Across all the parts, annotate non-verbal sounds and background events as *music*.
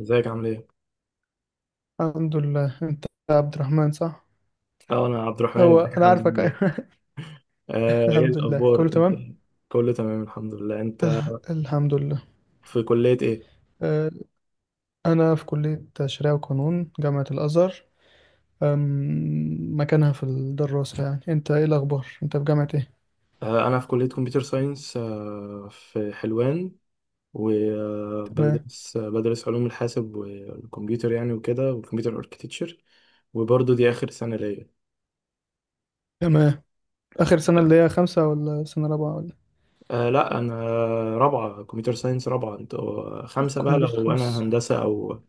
ازيك عامل ايه؟ الحمد لله، انت. عبد الرحمن، صح؟ اه انا عبد الرحمن، هو ازيك يا انا حمد عارفك، عامل ايه؟ ايوه. آه، *laughs* ايه الحمد لله كله الاخبار؟ انت تمام. كله تمام الحمد لله. انت الحمد لله. في كلية ايه؟ آه، انا في كلية شريعة وقانون جامعة الازهر. مكانها في الدراسة. يعني انت ايه الاخبار، انت في جامعة ايه؟ آه، انا في كلية كمبيوتر ساينس، آه، في حلوان. تمام، وبدرس علوم الحاسب والكمبيوتر يعني وكده، والكمبيوتر اركتكتشر. وبرضه دي اخر سنة ليا. تمام. اخر سنة، اللي هي خمسة ولا سنة رابعة ولا؟ آه لا، انا رابعة كمبيوتر ساينس. رابعة. انتوا خمسة بقى كمبيوتر لو انا خمس. هندسة او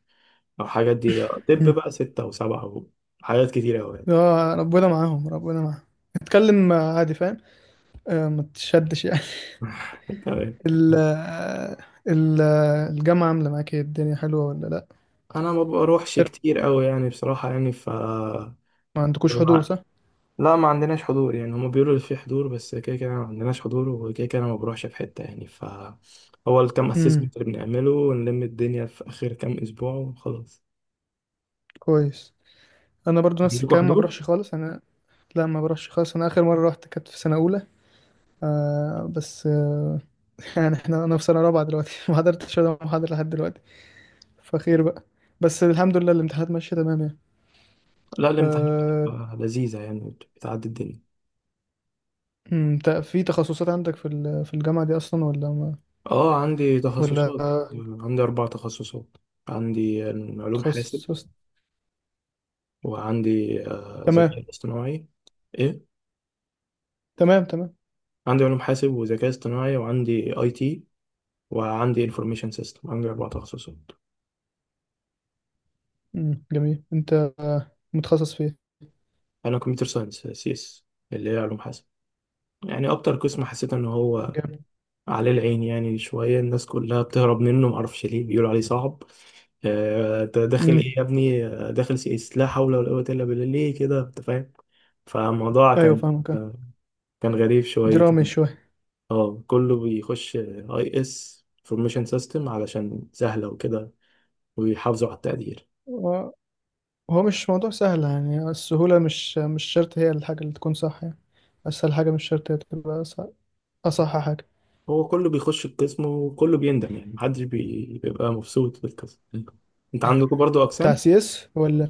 او حاجات دي. طب مم. بقى ستة او سبعة وحاجات كتيرة اوي يعني. اه، ربنا معاهم ربنا معاهم. اتكلم عادي، فاهم. ما تشدش يعني. *laughs* تمام. *laughs* ال ال- الجامعة عاملة معاك ايه، الدنيا حلوة ولا لا؟ انا ما بروحش كتير قوي يعني بصراحه يعني ف ما عندكوش حضور، ما- صح؟ لا، ما عندناش حضور يعني. هما بيقولوا اللي فيه حضور، بس كده كده ما عندناش حضور، وكده كده انا ما بروحش في حته يعني ف هو الكام امم، اسسمنت اللي بنعمله ونلم الدنيا في اخر كام اسبوع وخلاص. كويس. انا برضو نفس عندكم الكلام، ما حضور؟ بروحش خالص انا. لا، ما بروحش خالص انا، اخر مره رحت كانت في سنه اولى. آه، بس آه. *laughs* يعني احنا، انا في سنه رابعه دلوقتي، *laughs* ما حضرتش ولا محاضره لحد دلوقتي. فخير بقى. بس الحمد لله الامتحانات ماشيه تمام يعني. لا، الامتحانات آه. بتبقى لذيذه يعني، بتعدي الدنيا. في تخصصات عندك في الجامعه دي اصلا ولا ما؟ اه عندي ولا تخصصات. عندي اربع تخصصات. عندي علوم حاسب، تخصص. وعندي تمام، ذكاء اصطناعي. ايه. تمام، تمام. عندي علوم حاسب وذكاء اصطناعي، وعندي اي تي، وعندي انفورميشن سيستم. عندي اربع تخصصات. امم، جميل. انت متخصص في ايه؟ انا كمبيوتر ساينس، سي اس، اللي هي علوم حاسب. يعني اكتر قسم حسيت ان هو جامد. عليه العين يعني. شويه الناس كلها بتهرب منه، معرفش ليه، بيقولوا عليه صعب. انت داخل امم، ايه يا ابني؟ داخل سي اس؟ لا حول ولا قوه الا بالله، ليه كده؟ انت فاهم. فالموضوع ايوه كان فاهمك، آه. آه، كان غريب درامي. شويتين. اه، كله بيخش اي اس انفورميشن سيستم علشان سهله وكده، ويحافظوا على التقدير. شويه. هو مش موضوع سهل يعني، السهولة مش شرط هي الحاجة اللي تكون صح يعني. أسهل حاجة مش شرط هي تبقى أصح. أصح حاجة. هو كله بيخش القسم وكله بيندم يعني، محدش بيبقى مبسوط بالقسم. انت عندكم برضو بتاع اقسام سي اس ولا؟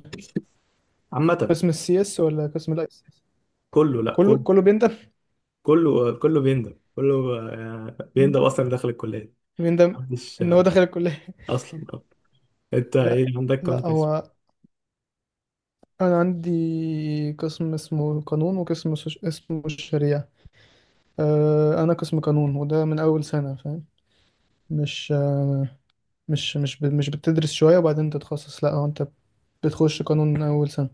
عامة؟ قسم السي اس ولا قسم الاي سي اس؟ كله، لا كله كله، كله بيندم. كله بيندم. كله بيندم اصلا داخل الكلية. بيندم محدش إن هو دخل الكلية. *laughs* اصلا انت لا، ايه، عندك لا، كام قسم؟ هو أنا عندي قسم اسمه قانون اسمه الشريعة. أه، أنا قسم قانون، وده من أول سنة فاهم. مش أه، مش بتدرس شوية وبعدين تتخصص، لا، هو أنت بتخش قانون من أول سنة.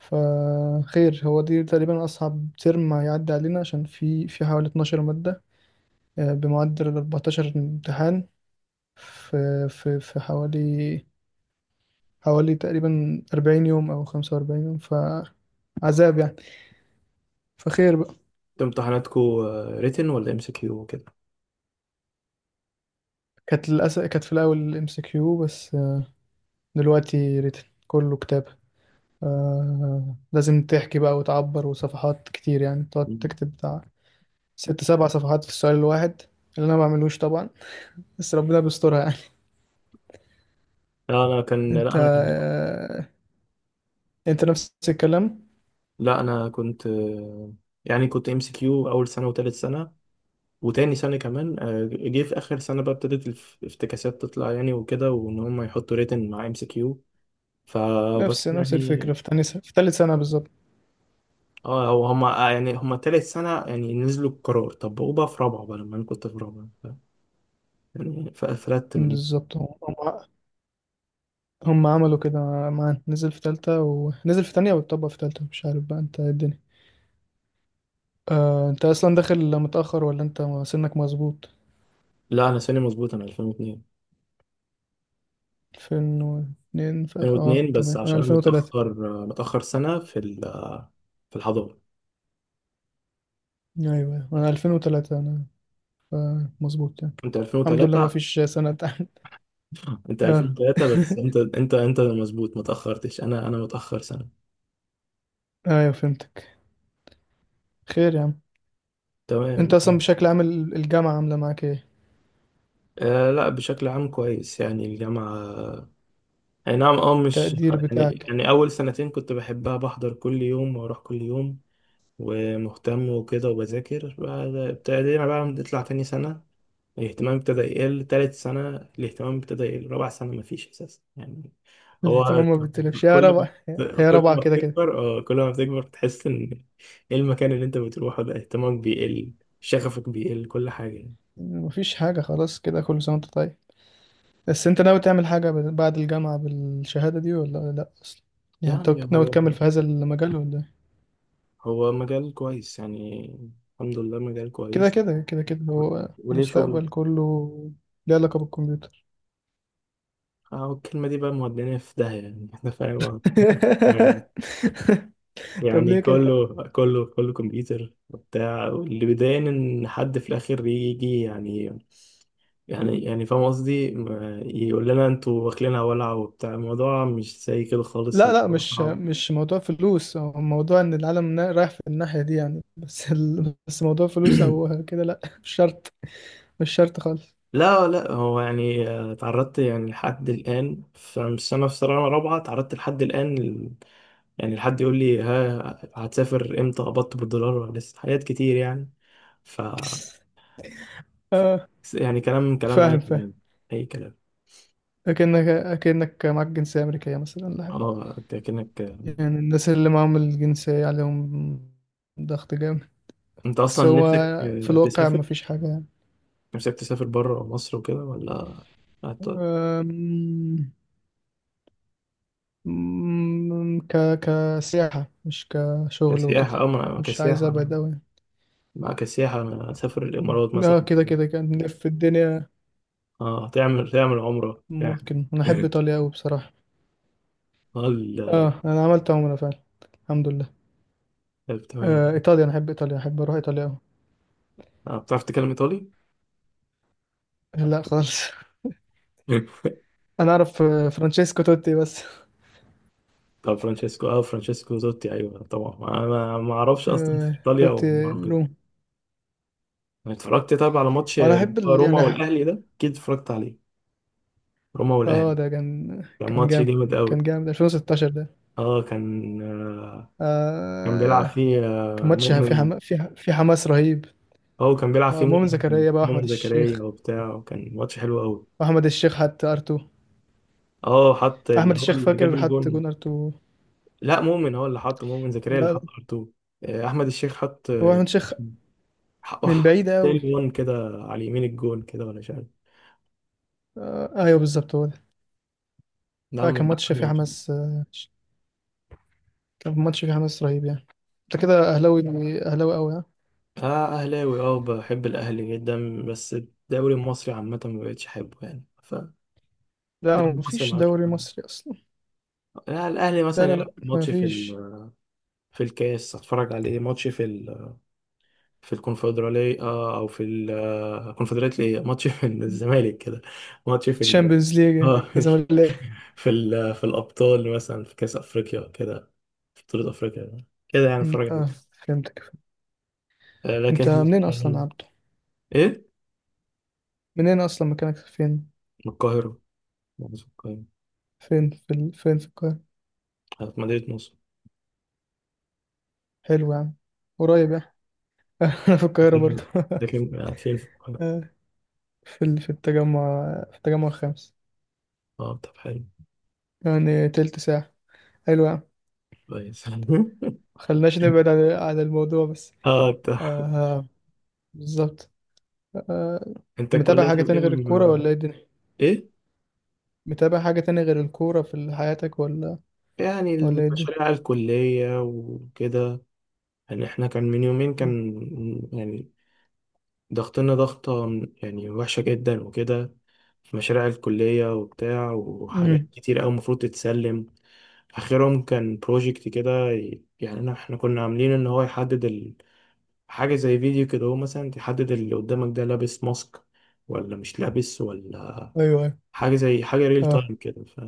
فخير، هو دي تقريبا أصعب ترم هيعدي علينا، عشان في حوالي 12 مادة، بمعدل ال 14 امتحان. في حوالي تقريبا 40 يوم أو 45 يوم، فعذاب يعني. فخير بقى. انت امتحاناتكو ريتن ولا ام سي كيو وكده؟ كانت للأسف كانت في الأول ام سي كيو، بس آه، دلوقتي ريتن، كله كتابة. آه، لازم تحكي بقى وتعبر، وصفحات كتير يعني، تقعد مم. تكتب بتاع ست سبع صفحات في السؤال الواحد، اللي أنا ما بعملوش طبعا، بس ربنا بيسترها يعني. لا انا كان لا انت انا آه، انت نفس الكلام. لا انا كنت يعني كنت ام سي كيو اول سنة وتالت سنة وتاني سنة كمان. جه في آخر سنة بقى، ابتدت الافتكاسات تطلع يعني وكده، وإن هم يحطوا ريتن مع ام سي كيو، فبس نفس يعني. الفكرة في تاني سنة في تالت سنة بالظبط. اه، هو هما يعني هما تالت سنة يعني نزلوا القرار، طبقوه بقى في رابعة بقى لما أنا كنت في رابعة يعني فقفلت من. بالظبط. هم عملوا كده معانا، نزل في تالتة ونزل في تانية واتطبق في تالتة. مش عارف بقى انت ايه الدنيا. آه، انت اصلا داخل متأخر ولا انت سنك مظبوط؟ لا، أنا سنة مظبوط، أنا 2002. اه بس تمام، انا عشان أنا 2003. متأخر، متأخر سنة في ال في الحضانة. ايوه، انا 2003 انا، ف- مظبوط يعني. أنت الحمد لله ما 2003. فيش سنة تحت. أنت اه. 2003 بس أنت *laughs* أنت أنت مظبوط، متأخرتش. أنا متأخر سنة. ايوه فهمتك. خير يا عم. انت تمام. اصلا بشكل عام الجامعة عاملة معاك ايه، آه لا، بشكل عام كويس يعني الجامعة. أي نعم، اه مش التقدير يعني. بتاعك؟ يعني أول سنتين كنت بحبها، بحضر كل يوم وأروح كل يوم ومهتم وكده وبذاكر. ابتدينا بقى نطلع تاني سنة، الاهتمام ابتدى يقل. تالت سنة الاهتمام ابتدى يقل. رابع سنة مفيش أساسا يعني. هو الاهتمام ما بتلفش يا كل ربع. ما هي كل ربع ما كده كده. بتكبر، اه، كل ما بتكبر بتحس إن إيه المكان اللي أنت بتروحه ده، اهتمامك بيقل، شغفك بيقل، كل حاجة يعني. مفيش حاجة خلاص، كده كل سنة وانت طيب. بس انت ناوي تعمل حاجة بعد الجامعة بالشهادة دي ولا لا اصلا؟ يعني يعني انت ناوي هو تكمل في هذا المجال ولا ايه؟ هو مجال كويس يعني. الحمد لله، مجال كده كويس. كده كده كده، و- هو وليه شغل. المستقبل كله. ليه علاقة بالكمبيوتر. اه، الكلمة دي بقى مودينا في داهية يعني. *laughs* احنا فاهم غلط. يعني *laughs* طب يعني ليه كده؟ كله كمبيوتر وبتاع. واللي بيضايقني ان حد في الاخر يجي يعني، يعني فاهم قصدي، يقول لنا انتوا واكلينها ولع وبتاع. الموضوع مش زي كده خالص، لا، لا، الموضوع مش صعب. مش موضوع فلوس، هو موضوع رايح في الناحية دي يعني، بس ال... بس موضوع فلوس *clears throat* او كده، لا مش شرط. مش شرط خالص. لا هو يعني تعرضت يعني لحد الآن، فمش، أنا في سنة رابعة تعرضت لحد الآن يعني. الحد يقول لي: ها، هتسافر امتى، قبضت بالدولار ولا لسه، حاجات كتير يعني. ف... ف... *laughs* يعني كلام اي فاهم، فاهم. كلام، اي كلام. أكنك معاك جنسية أمريكية مثلا ولا حاجة. اه انت كأنك، يعني الناس اللي معاهم الجنسية عليهم ضغط جامد. انت اصلا بس هو نفسك في الواقع تسافر؟ مفيش حاجة يعني. نفسك تسافر بره مصر وكده ولا هت- أم، أم، كسياحة، مش كشغل وكده. كسياحة؟ اه، ما مش عايز كسياحة، أبعد أوي يعني. ما كسياحة. انا اسافر الامارات اه مثلا كده كده. كده، كان نلف في الدنيا. اه، تعمل عمرة يعني. ممكن، أنا أحب *laughs* إيطاليا أوي بصراحة. اه اه أنا عملت عمرة فعلا، الحمد لله. طيب، تمام. آه إيطاليا، أنا أحب إيطاليا، أحب أروح إيطاليا أوي. بتعرف تتكلم ايطالي؟ لا خالص. *laughs* *laughs* أنا أعرف فرانشيسكو توتي بس. طب فرانشيسكو، اه فرانشيسكو زوتي. ايوه طبعا، انا ما اعرفش اصلا آه، في ايطاليا دوت وما اعرف كده. روم. أنا اتفرجت طب على ماتش وانا اللي احب هو ال... روما والاهلي ده، اكيد اتفرجت عليه. روما اه والاهلي، ده كان كان كان ماتش جامد. جامد قوي. كان جامد 2016 ده. اه كان آه، كان بيلعب آه. فيه كان آه ماتش في مؤمن، في حماس رهيب. هو كان بيلعب فيه آه، مؤمن مؤمن زكريا، بقى احمد مؤمن زكريا الشيخ. وبتاع، وكان ماتش حلو قوي. احمد الشيخ حط ارتو. اه، حط احمد اللي الشيخ، هو اللي جاب فاكر، حط الجون. جون ارتو. لا، مؤمن هو اللي حط، مؤمن زكريا اللي لا، لا، حط ار احمد الشيخ حط، هو احمد الشيخ، حط من حط بعيد تاني قوي. جون كده، على يمين الجون كده ولا مش عارف. آه، ايوه بالظبط، هو ده. نعم، آه، كان من ماتش أحلى في الماتشات. حماس، آه، كان ماتش في حماس رهيب يعني. انت كده اهلاوي؟ اهلاوي قوي، ها؟ اه اهلاوي، اه، بحب الاهلي جدا، بس الدوري المصري عامه ما بقتش احبه يعني. فالدوري لا، المصري مفيش ما عادش دوري بحبه. مصري اصلا. يعني الاهلي لا، مثلا لا، يلعب لا، ماتش في مفيش. في الكاس اتفرج عليه، ماتش في في الكونفدراليه، او في الكونفدراليه ايه، ماتش في الزمالك كده، ماتش في ال... الشامبيونز ليج إيه؟ اه لازم الاقي. في ال... في الابطال مثلا، في كاس افريقيا كده، في بطوله افريقيا كده يعني أمم، اتفرج اه، عليه. فهمتك. آه، انت لكن منين اصلا يا آه، عبده؟ ايه. منين اصلا، مكانك فين؟ من القاهره، مصر القاهره. فين في ال... فين في القاهره؟ في مدينه نصر. حلو يعني، قريب يعني. *laughs* انا في القاهره برضه. لكن *laughs* لكن آه، في الف... آه، في ال... في التجمع الخامس. اه طب حلو، يعني تلت ساعه، حلو يعني. كويس. *laughs* خلناش نبعد عن الموضوع بس. اه طب، آه، بالظبط. آه. انت متابع الكلية حاجه طب تاني ايه غير الكوره ولا ايه الدنيا؟ ايه؟ متابع حاجه تاني غير الكوره في حياتك ولا يعني ولا ايه الدنيا؟ المشاريع الكلية وكده. يعني احنا كان من يومين أمم. كان يعني ضغطنا ضغطة يعني وحشة جدا وكده، في مشاريع الكلية وبتاع وحاجات أمم. كتير أوي المفروض تتسلم. آخرهم كان بروجكت كده، احنا كنا عاملين إن هو يحدد حاجة زي فيديو كده، هو مثلا تحدد اللي قدامك ده لابس ماسك ولا مش لابس، ولا ايوه، أيوة. حاجة زي حاجة ريل اه، تايم كده. ف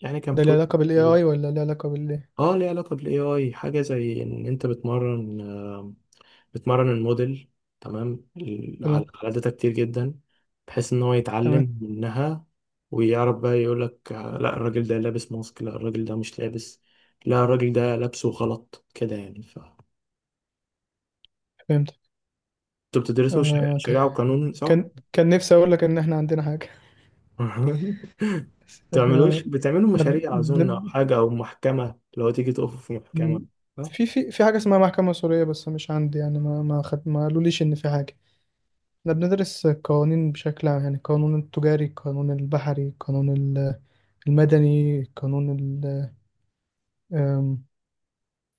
يعني كان ده ليه بروجكت علاقة بال جميل. AI ولا ليه علاقة بال إيه؟ اه، ليه علاقة بالاي اي. حاجة زي ان انت بتمرن، بتمرن الموديل تمام على تمام، على داتا كتير جدا بحيث ان هو تمام، يتعلم منها، ويعرف بقى يقولك: لا الراجل ده لابس ماسك، لا الراجل ده مش لابس، لا الراجل ده لابسه غلط كده يعني. ف انتوا فهمتك. بتدرسوا آه ك- شريعة وقانون صح؟ كان نفسي أقول لك إن إحنا عندنا حاجة. *laughs* *laughs* بس إحنا، بتعملوش بتعملوا إحنا مشاريع أظن، أو حاجة، أو محكمة لو تيجي تقفوا في محكمة؟ م- آه، في حاجة اسمها محكمة سورية بس مش عندي يعني، ما قالوليش إن في حاجة. إحنا بندرس القوانين بشكل عام يعني، القانون التجاري، القانون البحري، المدني، القانون ال... آم،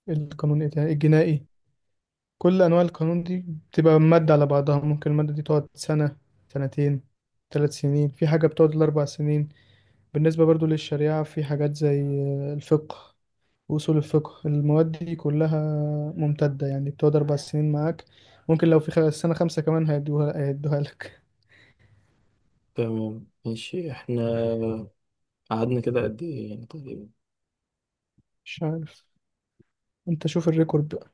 القانون إيه تاني؟ الجنائي. كل انواع القانون دي بتبقى مادة على بعضها، ممكن المادة دي تقعد سنة، سنتين، ثلاث سنين، في حاجة بتقعد الأربع سنين. بالنسبة برضو للشريعة، في حاجات زي الفقه وأصول الفقه، المواد دي كلها ممتدة يعني، بتقعد أربع سنين معاك. ممكن لو في سنة خمسة كمان، هيدوها لك. تمام، ماشي. احنا قعدنا كده قد ايه يعني تقريبا؟ مش عارف، أنت شوف الريكورد.